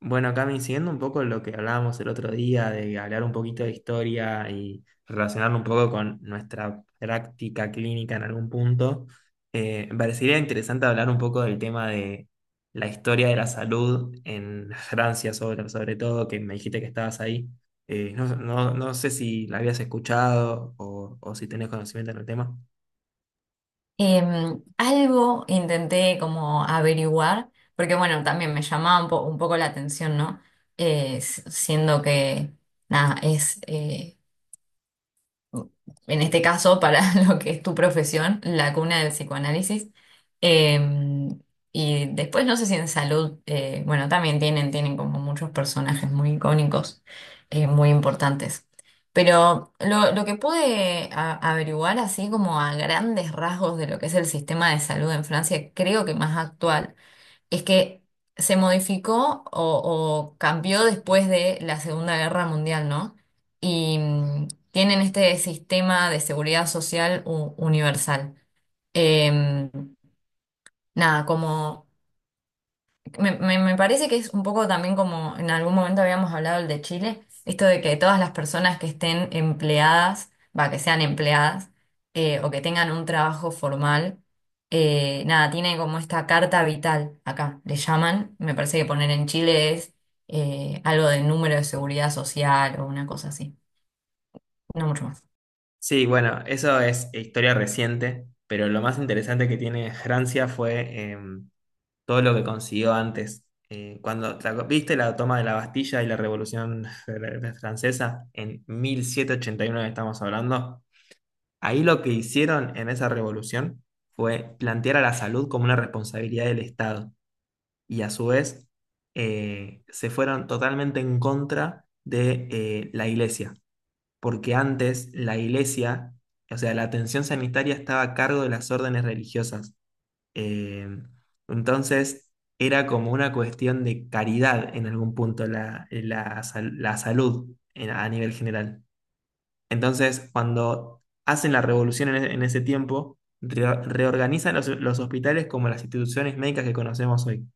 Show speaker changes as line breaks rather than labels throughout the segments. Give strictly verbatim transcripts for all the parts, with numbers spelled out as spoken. Bueno, Cami, siguiendo un poco lo que hablábamos el otro día, de hablar un poquito de historia y relacionarlo un poco con nuestra práctica clínica en algún punto, eh, me parecería interesante hablar un poco del tema de la historia de la salud en Francia, sobre, sobre todo, que me dijiste que estabas ahí. Eh, no, no, no sé si la habías escuchado o, o si tenés conocimiento en el tema.
Em, algo intenté como averiguar, porque bueno, también me llamaba un, po- un poco la atención, ¿no? Eh, s- siendo que, nada, es, eh, en este caso para lo que es tu profesión, la cuna del psicoanálisis. Eh, y después no sé si en salud, eh, bueno, también tienen, tienen como muchos personajes muy icónicos, eh, muy importantes. Pero lo, lo que pude a- averiguar así como a grandes rasgos de lo que es el sistema de salud en Francia, creo que más actual, es que se modificó o, o cambió después de la Segunda Guerra Mundial, ¿no? Y mm, tienen este sistema de seguridad social u- universal. Em, Nada, como me, me- me parece que es un poco también como en algún momento habíamos hablado el de Chile, esto de que todas las personas que estén empleadas, va, que sean empleadas eh, o que tengan un trabajo formal, eh, nada, tiene como esta carta vital acá, le llaman, me parece que poner en Chile es eh, algo de número de seguridad social o una cosa así, no mucho más.
Sí, bueno, eso es historia reciente, pero lo más interesante que tiene Francia fue em, todo lo que consiguió antes. Eh, cuando, ¿la- ¿Viste la toma de la Bastilla y la Revolución Francesa? En mil setecientos ochenta y nueve estamos hablando. Ahí lo que hicieron en esa revolución fue plantear a la salud como una responsabilidad del Estado y a su vez eh, se fueron totalmente en contra de eh, la iglesia, porque antes la iglesia, o sea, la atención sanitaria estaba a cargo de las órdenes religiosas, eh, entonces, era como una cuestión de caridad en algún punto la, la sal- la salud en- a nivel general. Entonces, cuando hacen la revolución en, e- en ese tiempo, re- reorganizan los, los hospitales como las instituciones médicas que conocemos hoy.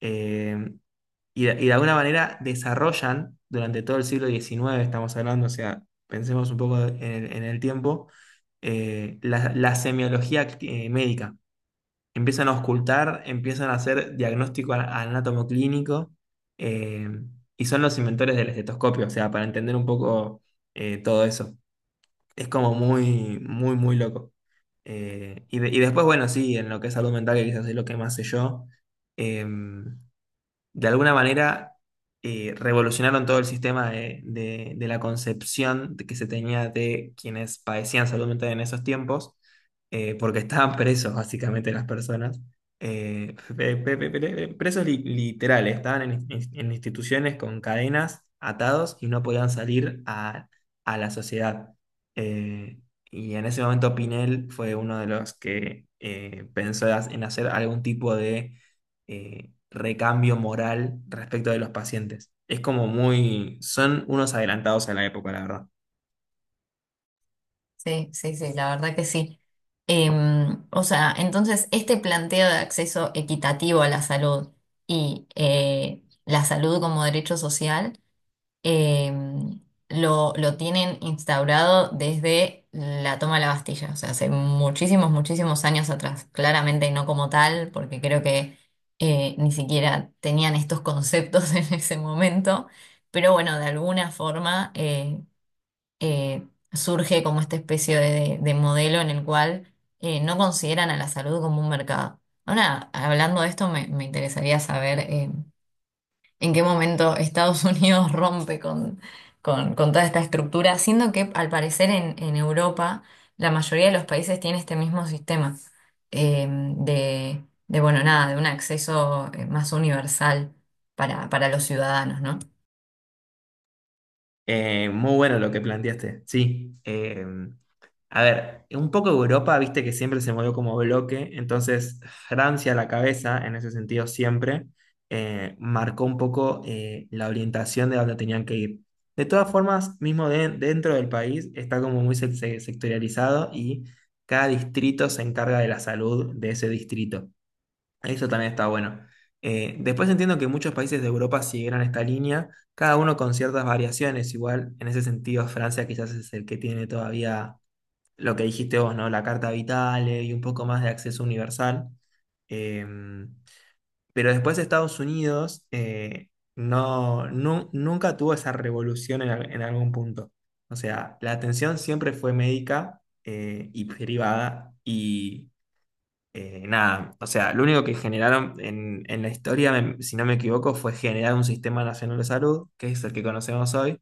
Eh, y, de, y de alguna manera desarrollan durante todo el siglo diecinueve, estamos hablando, o sea, pensemos un poco en el, en el tiempo, eh, la, la semiología eh, médica, empiezan a auscultar, empiezan a hacer diagnóstico a- anátomo, eh, y son los inventores del estetoscopio, o sea, para entender un poco eh, todo eso. Es como muy, muy, muy loco. Eh, y, de- y después, bueno, sí, en lo que es salud mental, que quizás es lo que más sé yo, eh, de alguna manera eh, revolucionaron todo el sistema de, de- de la concepción de- que se tenía de quienes padecían salud mental en esos tiempos, eh, porque estaban presos básicamente las personas, eh, pe- pe- pe- pe- presos li- literales, estaban en, in- en instituciones con cadenas, atados y no podían salir a, a la sociedad. Eh, y en ese momento Pinel fue uno de los que eh, pensó en hacer algún tipo de eh, recambio moral respecto de los pacientes. Es como muy, son unos adelantados a la época, la verdad.
Sí, sí, sí, la verdad que sí. Em, o sea, entonces este planteo de acceso equitativo a la salud y eh, la salud como derecho social, em, lo, lo tienen instaurado desde la toma de la Bastilla, o sea, hace muchísimos, muchísimos años atrás. Claramente no como tal, porque creo que eh, ni siquiera tenían estos conceptos en ese momento, pero bueno, de alguna forma eh, eh, surge como esta especie de, de modelo en el cual eh, no consideran a la salud como un mercado. Ahora, hablando de esto, me, me interesaría saber eh, en qué momento Estados Unidos rompe con, con, con toda esta estructura, siendo que al parecer en, en Europa la mayoría de los países tiene este mismo sistema eh, de, de, bueno, nada, de un acceso eh, más universal para, para los ciudadanos, ¿no?
Eh, muy bueno lo que planteaste, sí. Eh, a ver, un poco Europa, viste que siempre se movió como bloque, entonces Francia a la cabeza, en ese sentido siempre eh, marcó un poco eh, la orientación de dónde tenían que ir. De todas formas, mismo de- dentro del país está como muy se- se- sectorializado y cada distrito se encarga de la salud de ese distrito. Eso también está bueno. Eh, después entiendo que muchos países de Europa siguieron esta línea, cada uno con ciertas variaciones. Igual, en ese sentido, Francia quizás es el que tiene todavía lo que dijiste vos, ¿no? La Carta Vital, eh, y un poco más de acceso universal. Eh, pero después Estados Unidos eh, no, nu- nunca tuvo esa revolución en, al- en algún punto. O sea, la atención siempre fue médica eh, y privada. Eh, nada, o sea, lo único que generaron en, en la historia, me- si no me equivoco, fue generar un sistema nacional de salud, que es el que conocemos hoy,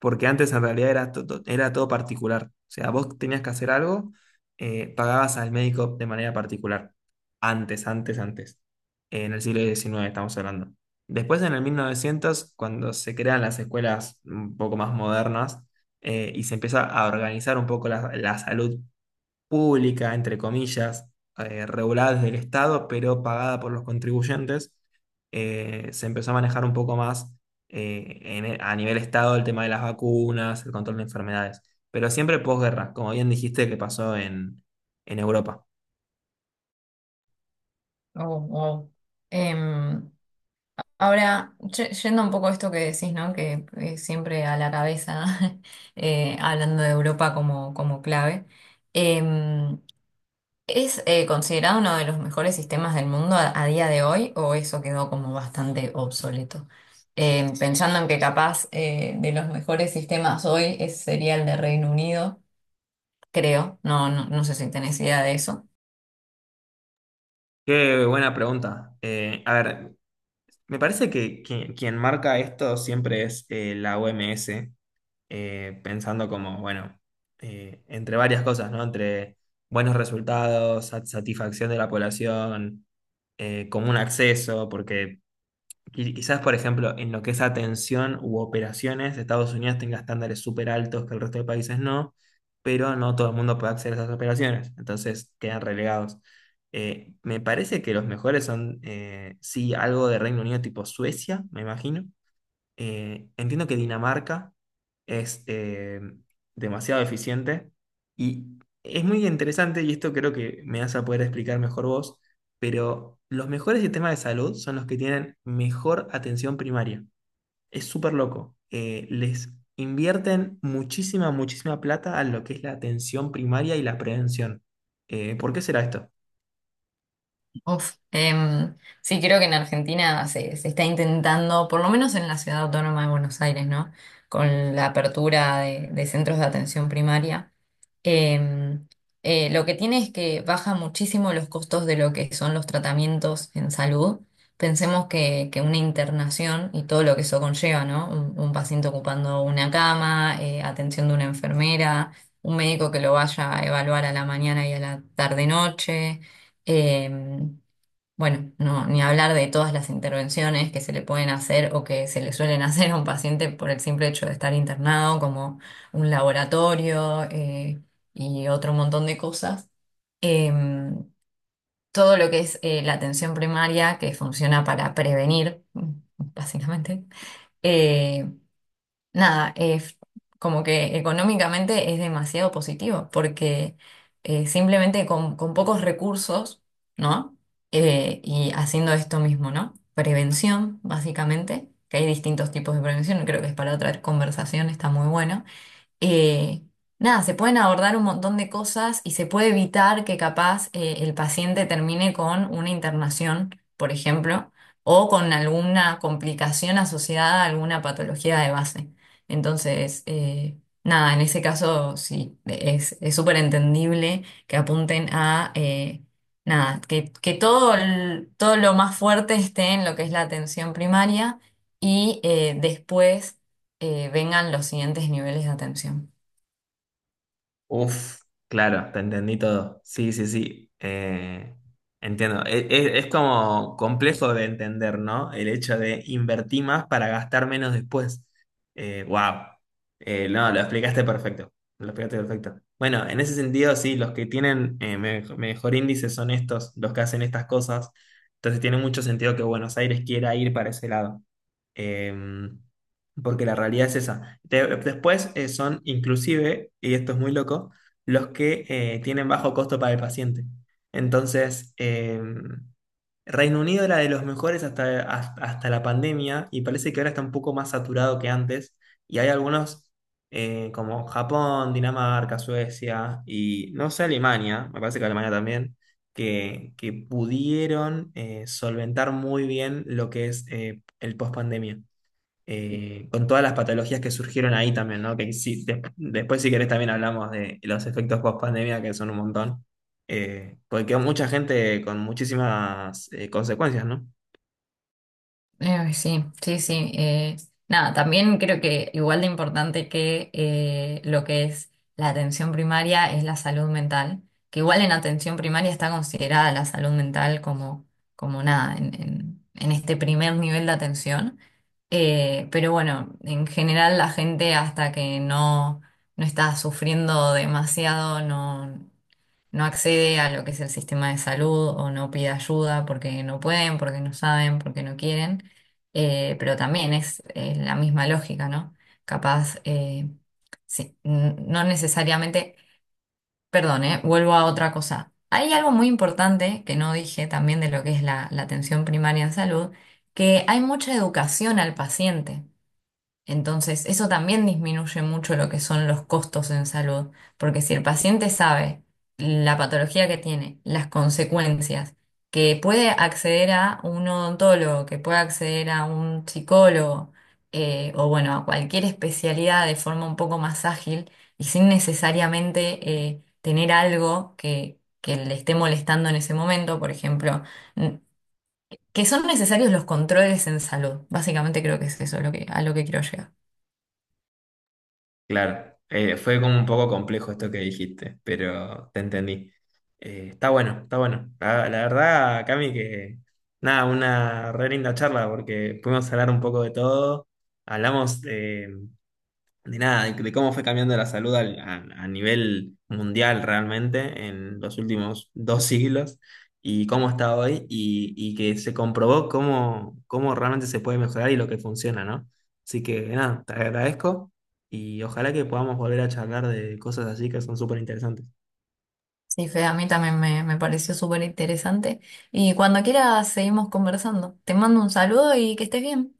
porque antes en realidad era, to- to- era todo particular. O sea, vos tenías que hacer algo, eh, pagabas al médico de manera particular. Antes, antes, antes. En el siglo diecinueve estamos hablando. Después, en el mil novecientos, cuando se crean las escuelas un poco más modernas, eh, y se empieza a organizar un poco la, la salud pública, entre comillas, eh, regulada desde el Estado, pero pagada por los contribuyentes, eh, se empezó a manejar un poco más eh, en- e, a nivel Estado el tema de las vacunas, el control de enfermedades, pero siempre posguerra, como bien dijiste que pasó en, en Europa.
Oh, wow. Ahora, ye- yendo un poco a esto que decís, ¿no? Que eh, siempre a la cabeza, eh, hablando de Europa como, como clave, em, ¿es eh, considerado uno de los mejores sistemas del mundo a, a día de hoy o eso quedó como bastante obsoleto? Em, pensando en que capaz eh, de los mejores sistemas hoy es, sería el de Reino Unido, creo, no, no, no sé si tenés idea de eso.
Qué buena pregunta. Eh, a ver, me parece que, que quien marca esto siempre es eh, la O M S, eh, pensando como, bueno, eh, entre varias cosas, ¿no? Entre buenos resultados, sat- satisfacción de la población, eh, común acceso, porque qui- quizás, por ejemplo, en lo que es atención u operaciones, Estados Unidos tenga estándares súper altos que el resto de países no, pero no todo el mundo puede acceder a esas operaciones, entonces quedan relegados. Eh, me parece que los mejores son, eh, sí, algo de Reino Unido tipo Suecia, me imagino. Eh, entiendo que Dinamarca es eh, demasiado eficiente y es muy interesante, y esto creo que me vas a poder explicar mejor vos, pero los mejores sistemas de salud son los que tienen mejor atención primaria. Es súper loco. Eh, les invierten muchísima, muchísima plata a lo que es la atención primaria y la prevención. Eh, ¿por qué será esto?
Uf, em, sí, creo que en Argentina se, se está intentando, por lo menos en la Ciudad Autónoma de Buenos Aires, ¿no? Con la apertura de, de centros de atención primaria. Em, eh, lo que tiene es que baja muchísimo los costos de lo que son los tratamientos en salud. Pensemos que, que una internación y todo lo que eso conlleva, ¿no? Un, un paciente ocupando una cama, eh, atención de una enfermera, un médico que lo vaya a evaluar a la mañana y a la tarde-noche. Em, bueno, no, ni hablar de todas las intervenciones que se le pueden hacer o que se le suelen hacer a un paciente por el simple hecho de estar internado, como un laboratorio eh, y otro montón de cosas. Em, Todo lo que es eh, la atención primaria, que funciona para prevenir, mm, básicamente. Eh, nada, eh, Como que económicamente es demasiado positivo, porque eh, simplemente con, con pocos recursos, ¿no? Eh, y haciendo esto mismo, ¿no? Prevención, básicamente, que hay distintos tipos de prevención, creo que es para otra conversación, está muy bueno. eh, Nada, se pueden abordar un montón de cosas y se puede evitar que capaz eh, el paciente termine con una internación, por ejemplo, o con alguna complicación asociada a alguna patología de base. Entonces, eh, nada, en ese caso sí, es es súper entendible que apunten a eh, nada, que, que todo, el- todo lo más fuerte esté en lo que es la atención primaria y eh, después eh, vengan los siguientes niveles de atención.
Uf, claro, te entendí todo. Sí, sí, sí. Eh, entiendo. E- e- Es como complejo de entender, ¿no? El hecho de invertir más para gastar menos después. Eh, wow. Eh, no, lo explicaste perfecto. Lo explicaste perfecto. Bueno, en ese sentido, sí, los que tienen eh, me- mejor índice son estos, los que hacen estas cosas. Entonces tiene mucho sentido que Buenos Aires quiera ir para ese lado. Em, Porque la realidad es esa. Te- después eh, son inclusive, y esto es muy loco, los que eh, tienen bajo costo para el paciente. Entonces, eh, Reino Unido era de los mejores hasta, has- hasta la pandemia y parece que ahora está un poco más saturado que antes. Y hay algunos eh, como Japón, Dinamarca, Suecia y no sé, Alemania, me parece que Alemania también. Que, que pudieron eh, solventar muy bien lo que es eh, el post-pandemia, eh, con todas las patologías que surgieron ahí también, ¿no? Que sí, de- después si querés también hablamos de los efectos post pandemia, que son un montón. Eh, porque quedó mucha gente con muchísimas eh, consecuencias, ¿no?
Eh, sí, sí, sí. Eh, nada, también creo que igual de importante que eh, lo que es la atención primaria es la salud mental, que igual en atención primaria está considerada la salud mental como, como nada, en, en- en este primer nivel de atención. Eh, pero bueno, en general la gente hasta que no, no está sufriendo demasiado, no no accede a lo que es el sistema de salud o no pide ayuda porque no pueden, porque no saben, porque no quieren. Eh, pero también es eh, la misma lógica, ¿no? Capaz, eh, sí, n- no necesariamente, perdón, eh, vuelvo a otra cosa. Hay algo muy importante que no dije también de lo que es la, la atención primaria en salud, que hay mucha educación al paciente. Entonces, eso también disminuye mucho lo que son los costos en salud, porque si el paciente sabe la patología que tiene, las consecuencias, que puede acceder a un odontólogo, que puede acceder a un psicólogo, eh, o bueno, a cualquier especialidad de forma un poco más ágil y sin necesariamente eh, tener algo que, que le esté molestando en ese momento, por ejemplo, n- que son necesarios los controles en salud. Básicamente creo que es eso lo que, a lo que quiero llegar.
Claro, eh, fue como un poco complejo esto que dijiste, pero te entendí. Eh, está bueno, está bueno. La, la verdad, Cami, que nada, una re linda charla porque pudimos hablar un poco de todo. Hablamos, eh, de nada, de, de cómo fue cambiando la salud al- a, a nivel mundial realmente en los últimos dos siglos y cómo está hoy y, y que se comprobó cómo, cómo realmente se puede mejorar y lo que funciona, ¿no? Así que nada, te agradezco y ojalá que podamos volver a charlar de cosas así que son súper interesantes.
Sí, Fede, a mí también me, me pareció súper interesante. Y cuando quieras seguimos conversando. Te mando un saludo y que estés bien.